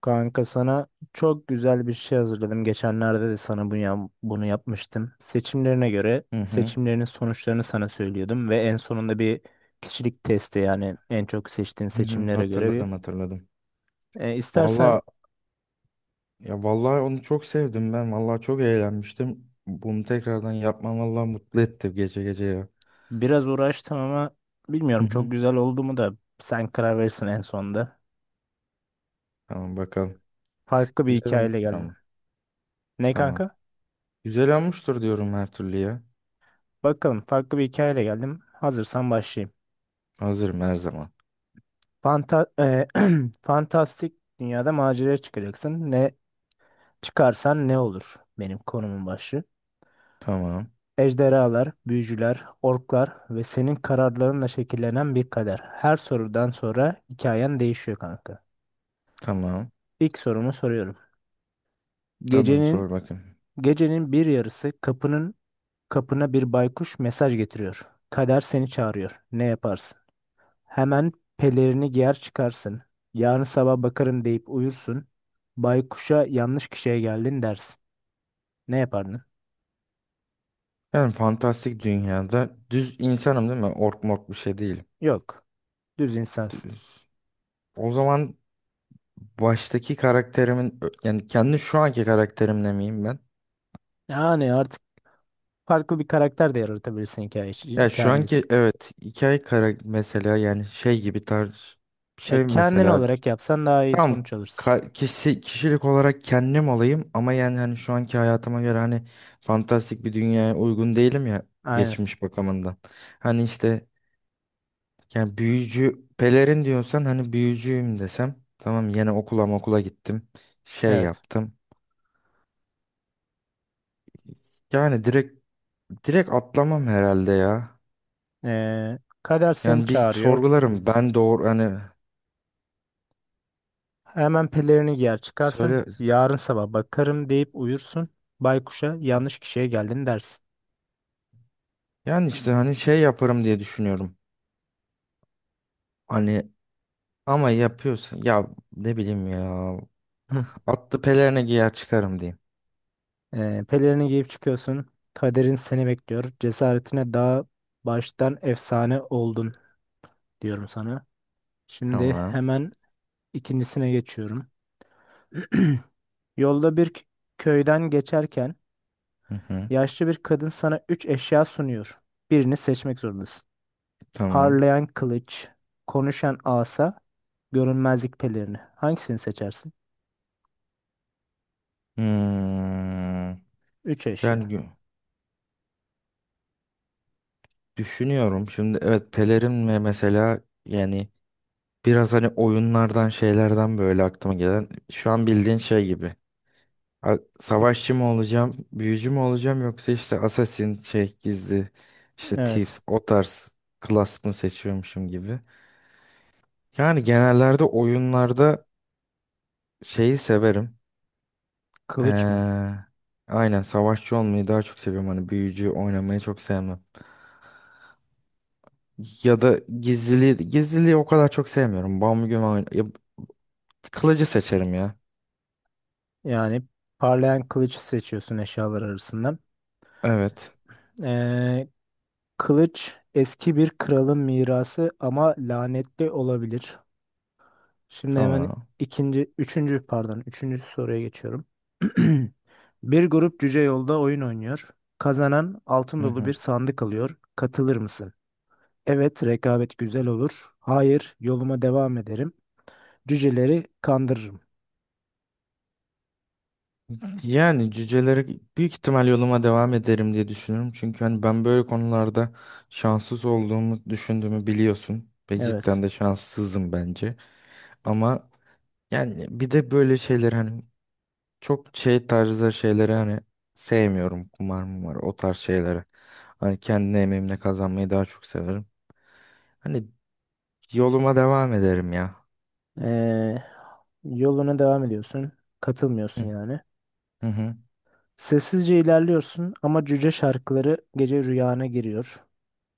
Kanka sana çok güzel bir şey hazırladım. Geçenlerde de sana bunu yapmıştım. Seçimlerine göre Hı hı, seçimlerinin sonuçlarını sana söylüyordum ve en sonunda bir kişilik testi, yani en çok seçtiğin hı hı, seçimlere göre bir. hatırladım hatırladım. İstersen Valla ya vallahi onu çok sevdim ben. Vallahi çok eğlenmiştim. Bunu tekrardan yapmam vallahi mutlu etti gece gece ya. biraz uğraştım ama Hı bilmiyorum çok hı. güzel oldu mu, da sen karar verirsin en sonunda. Tamam bakalım. Farklı bir Güzel hikayeyle olmuştur geldim. ama. Ne Tamam. kanka? Güzel olmuştur diyorum her türlü ya. Bakalım, farklı bir hikayeyle geldim. Hazırsan başlayayım. Hazırım her zaman. Fanta e, fantastik dünyada maceraya çıkacaksın. Çıkarsan ne olur? Benim konumun başı. Tamam. Ejderhalar, büyücüler, orklar ve senin kararlarınla şekillenen bir kader. Her sorudan sonra hikayen değişiyor kanka. Tamam. İlk sorumu soruyorum. Tamam Gecenin sor bakayım. gecenin bir yarısı kapına bir baykuş mesaj getiriyor. Kader seni çağırıyor. Ne yaparsın? Hemen pelerini giyer çıkarsın. Yarın sabah bakarım deyip uyursun. Baykuşa yanlış kişiye geldin dersin. Ne yapardın? Ben fantastik dünyada düz insanım değil mi? Ork mork bir şey değil. Yok. Düz insansın. Düz. O zaman baştaki karakterimin yani kendi şu anki karakterimle miyim ben? Yani artık farklı bir karakter de yaratabilirsin hikaye için, Ya şu kendi anki için. evet hikaye kara mesela yani şey gibi tarz şey Kendin mesela olarak yapsan daha iyi tam sonuç alırsın. kişi, kişilik olarak kendim olayım ama yani hani şu anki hayatıma göre hani fantastik bir dünyaya uygun değilim ya Aynen. geçmiş bakımından. Hani işte yani büyücü pelerin diyorsan hani büyücüyüm desem tamam yine okula gittim şey Evet. yaptım. Yani direkt atlamam herhalde ya. Kader seni Yani bir çağırıyor. sorgularım ben doğru hani Hemen pelerini giyer çıkarsın. söyle. Yarın sabah bakarım deyip uyursun. Baykuşa yanlış kişiye geldin dersin. Yani işte hani şey yaparım diye düşünüyorum. Hani ama yapıyorsun ya ne bileyim ya. Hı. Attı pelerine giyer çıkarım diyeyim. Pelerini giyip çıkıyorsun. Kaderin seni bekliyor. Cesaretine daha baştan efsane oldun diyorum sana. Şimdi Tamam. hemen ikincisine geçiyorum. Yolda bir köyden geçerken Hı hı. yaşlı bir kadın sana üç eşya sunuyor. Birini seçmek zorundasın. Tamam. Parlayan kılıç, konuşan asa, görünmezlik pelerini. Hangisini seçersin? Hmm. Üç Yani eşya. gü- Düşünüyorum şimdi evet pelerin ve mesela yani biraz hani oyunlardan şeylerden böyle aklıma gelen şu an bildiğin şey gibi. Savaşçı mı olacağım, büyücü mü olacağım yoksa işte assassin şey gizli işte Evet. thief o tarz class mı seçiyormuşum gibi. Yani genellerde oyunlarda şeyi severim. Kılıç mı? Ee, aynen savaşçı olmayı daha çok seviyorum. Hani büyücü oynamayı çok sevmem. Ya da gizliliği o kadar çok sevmiyorum. Ya, kılıcı seçerim ya. Yani parlayan kılıcı seçiyorsun eşyalar arasından. Evet. Ee, kılıç eski bir kralın mirası ama lanetli olabilir. Şimdi hemen Tamam. Üçüncü, pardon, üçüncü soruya geçiyorum. Bir grup cüce yolda oyun oynuyor. Kazanan altın Hı dolu bir hı. sandık alıyor. Katılır mısın? Evet, rekabet güzel olur. Hayır, yoluma devam ederim. Cüceleri kandırırım. Yani cüceleri büyük ihtimal yoluma devam ederim diye düşünüyorum. Çünkü hani ben böyle konularda şanssız olduğumu düşündüğümü biliyorsun. Ve Evet. cidden de şanssızım bence. Ama yani bir de böyle şeyler hani çok şey tarzı şeyleri hani sevmiyorum. Kumar mumar o tarz şeyleri. Hani kendi emeğimle kazanmayı daha çok severim. Hani yoluma devam ederim ya. Ee, yoluna devam ediyorsun. Katılmıyorsun Hı yani. hı hı. Sessizce ilerliyorsun ama cüce şarkıları gece rüyana giriyor.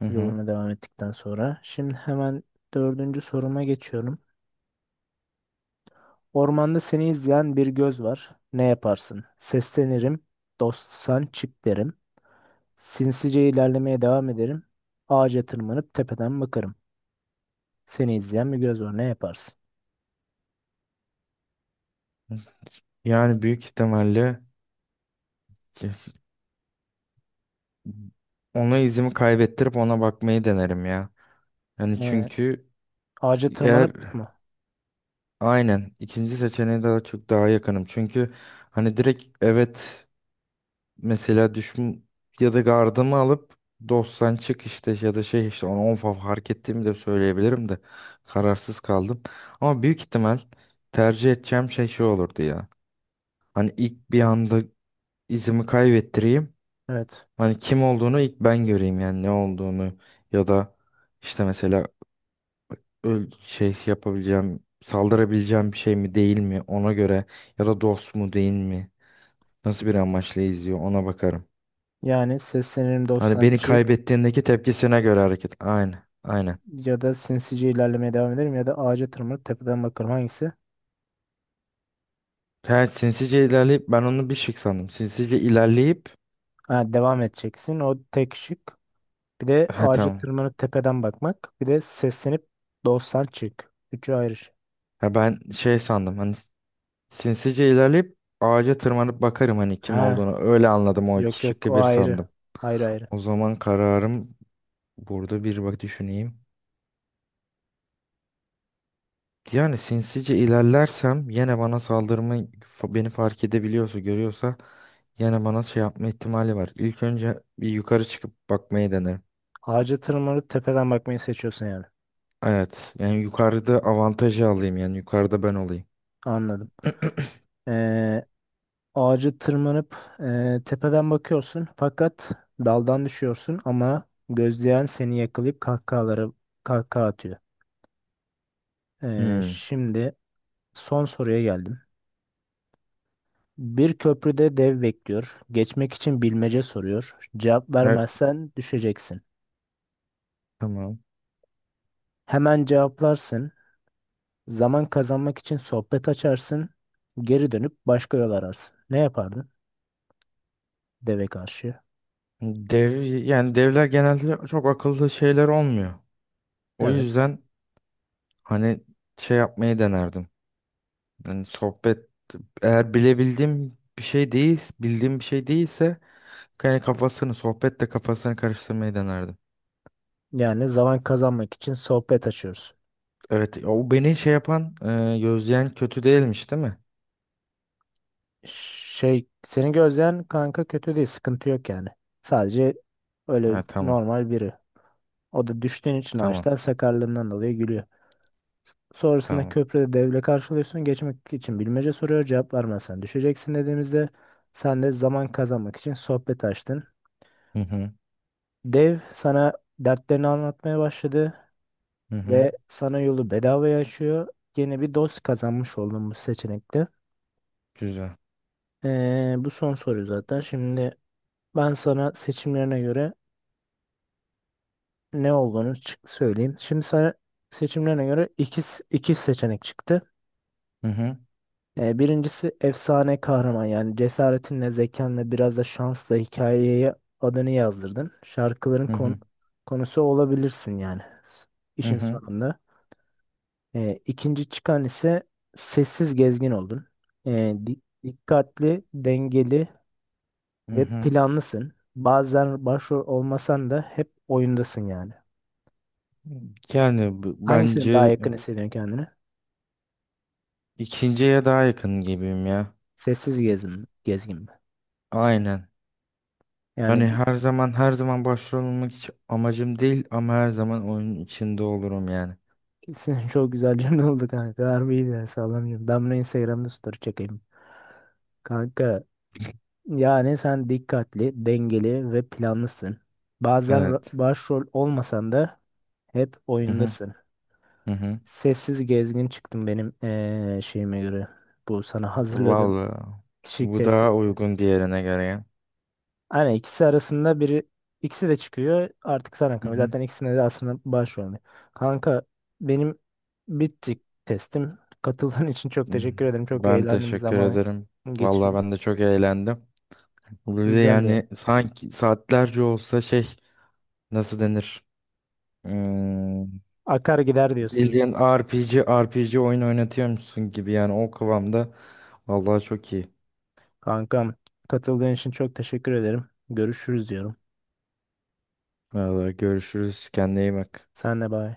Hı hı. Yoluna devam ettikten sonra. Şimdi hemen dördüncü soruma geçiyorum. Ormanda seni izleyen bir göz var. Ne yaparsın? Seslenirim. Dostsan çık derim. Sinsice ilerlemeye devam ederim. Ağaca tırmanıp tepeden bakarım. Seni izleyen bir göz var. Ne yaparsın? Yani büyük ihtimalle ki- ona izimi kaybettirip ona bakmayı denerim ya. Yani Ee, çünkü ağaca eğer tırmanıp mı? aynen ikinci seçeneğe daha çok daha yakınım. Çünkü hani direkt evet. Mesela düşün ya da gardımı alıp dosttan çık işte ya da şey işte onu fark ettiğimi de söyleyebilirim de kararsız kaldım. Ama büyük ihtimal tercih edeceğim şey olurdu ya. Hani ilk bir anda izimi kaybettireyim. Evet. Hani kim olduğunu ilk ben göreyim yani ne olduğunu ya da işte mesela şey yapabileceğim saldırabileceğim bir şey mi değil mi ona göre ya da dost mu değil mi nasıl bir amaçla izliyor ona bakarım. Yani seslenirim Hani dostsan beni çık, kaybettiğindeki tepkisine göre hareket. Aynen. Aynen. ya da sinsice ilerlemeye devam ederim, ya da ağaca tırmanıp tepeden bakarım. Hangisi? Ha, sinsice ilerleyip ben onu bir şık sandım. Sinsice ilerleyip Ha, devam edeceksin. O tek şık. Bir de ha ağaca tamam. tırmanıp tepeden bakmak. Bir de seslenip dostsan çık. Üçü ayrı şey. Ha ben şey sandım hani sinsice ilerleyip ağaca tırmanıp bakarım hani kim Ha, olduğunu. Öyle anladım o Yok iki yok şıkkı o bir ayrı. sandım. Ayrı ayrı. O zaman kararım burada bir bak düşüneyim. Yani sinsice ilerlersem yine bana beni fark edebiliyorsa görüyorsa yine bana şey yapma ihtimali var. İlk önce bir yukarı çıkıp bakmayı denerim. Ağaca tırmanıp tepeden bakmayı seçiyorsun yani. Evet. Yani yukarıda avantajı alayım. Yani yukarıda ben olayım. Anladım. Ee, ağaca tırmanıp tepeden bakıyorsun fakat daldan düşüyorsun ama gözleyen seni yakalayıp kahkaha atıyor. Hmm. Şimdi son soruya geldim. Bir köprüde dev bekliyor. Geçmek için bilmece soruyor. Cevap Her, vermezsen düşeceksin. tamam. Hemen cevaplarsın. Zaman kazanmak için sohbet açarsın, geri dönüp başka yol ararsın. Ne yapardın deve karşı? Dev, yani devler genelde çok akıllı şeyler olmuyor. O Evet. yüzden hani şey yapmayı denerdim. Yani sohbet eğer bilebildiğim bir şey değil, bildiğim bir şey değilse yani sohbetle kafasını karıştırmayı denerdim. Yani zaman kazanmak için sohbet açıyoruz. Evet, o beni şey yapan, gözleyen kötü değilmiş, değil mi? Şey, seni gözleyen kanka kötü değil, sıkıntı yok yani. Sadece öyle Ha, tamam. normal biri. O da düştüğün için Tamam. ağaçtan, sakarlığından dolayı gülüyor. Sonrasında Tamam. köprüde devle karşılıyorsun. Geçmek için bilmece soruyor. Cevap vermezsen düşeceksin dediğimizde sen de zaman kazanmak için sohbet açtın. Hı hı. Dev sana dertlerini anlatmaya başladı. Hı hı. Ve sana yolu bedavaya açıyor. Yeni bir dost kazanmış oldun bu seçenekte. Güzel. Bu son soru zaten. Şimdi ben sana seçimlerine göre ne olduğunu söyleyeyim. Şimdi sana seçimlerine göre iki seçenek çıktı. Hı hı. Birincisi efsane kahraman, yani cesaretinle, zekanla, biraz da şansla hikayeye adını yazdırdın. Şarkıların Hı hı. Konusu olabilirsin yani s- Hı işin hı. sonunda. İkinci çıkan ise sessiz gezgin oldun. Dikkatli, dengeli Hı ve hı. planlısın. Bazen başrol olmasan da hep oyundasın yani. Hangisine daha Bence yakın hissediyorsun kendini? ikinciye daha yakın gibiyim ya. Sessiz gezgin mi? Aynen. Hani Yani her zaman başrol olmak hiç amacım değil ama her zaman oyunun içinde olurum yani. ikisini çok güzel cümle oldu kanka. Harbiydi ya, sağlam cümle. Ben bunu Instagram'da story çekeyim. Kanka, yani sen dikkatli, dengeli ve planlısın. Bazen Evet. başrol olmasan da hep Hı hı. oyundasın. Hı hı. Sessiz gezgin çıktım benim şeyime göre. Bu sana hazırladığım Vallahi kişilik bu testine daha göre. uygun diğerine göre ya. Aynen, ikisi arasında biri ikisi de çıkıyor. Artık sana Hı kalıyor. hı. Zaten ikisine de aslında başvuruyorum. Kanka, benim bitti testim. Katıldığın için çok Hı. teşekkür ederim. Çok Ben eğlendim, teşekkür zaman ederim. Vallahi geçirdik. ben de çok eğlendim. Bize Güzeldi yani. yani sanki saatlerce olsa şey nasıl denir? Hmm, Akar gider diyorsun bildiğin RPG oyun oynatıyormuşsun gibi yani o kıvamda. Vallahi çok iyi. kankam. Katıldığın için çok teşekkür ederim. Görüşürüz diyorum. Vallahi görüşürüz. Kendine iyi bak. Sen de bay.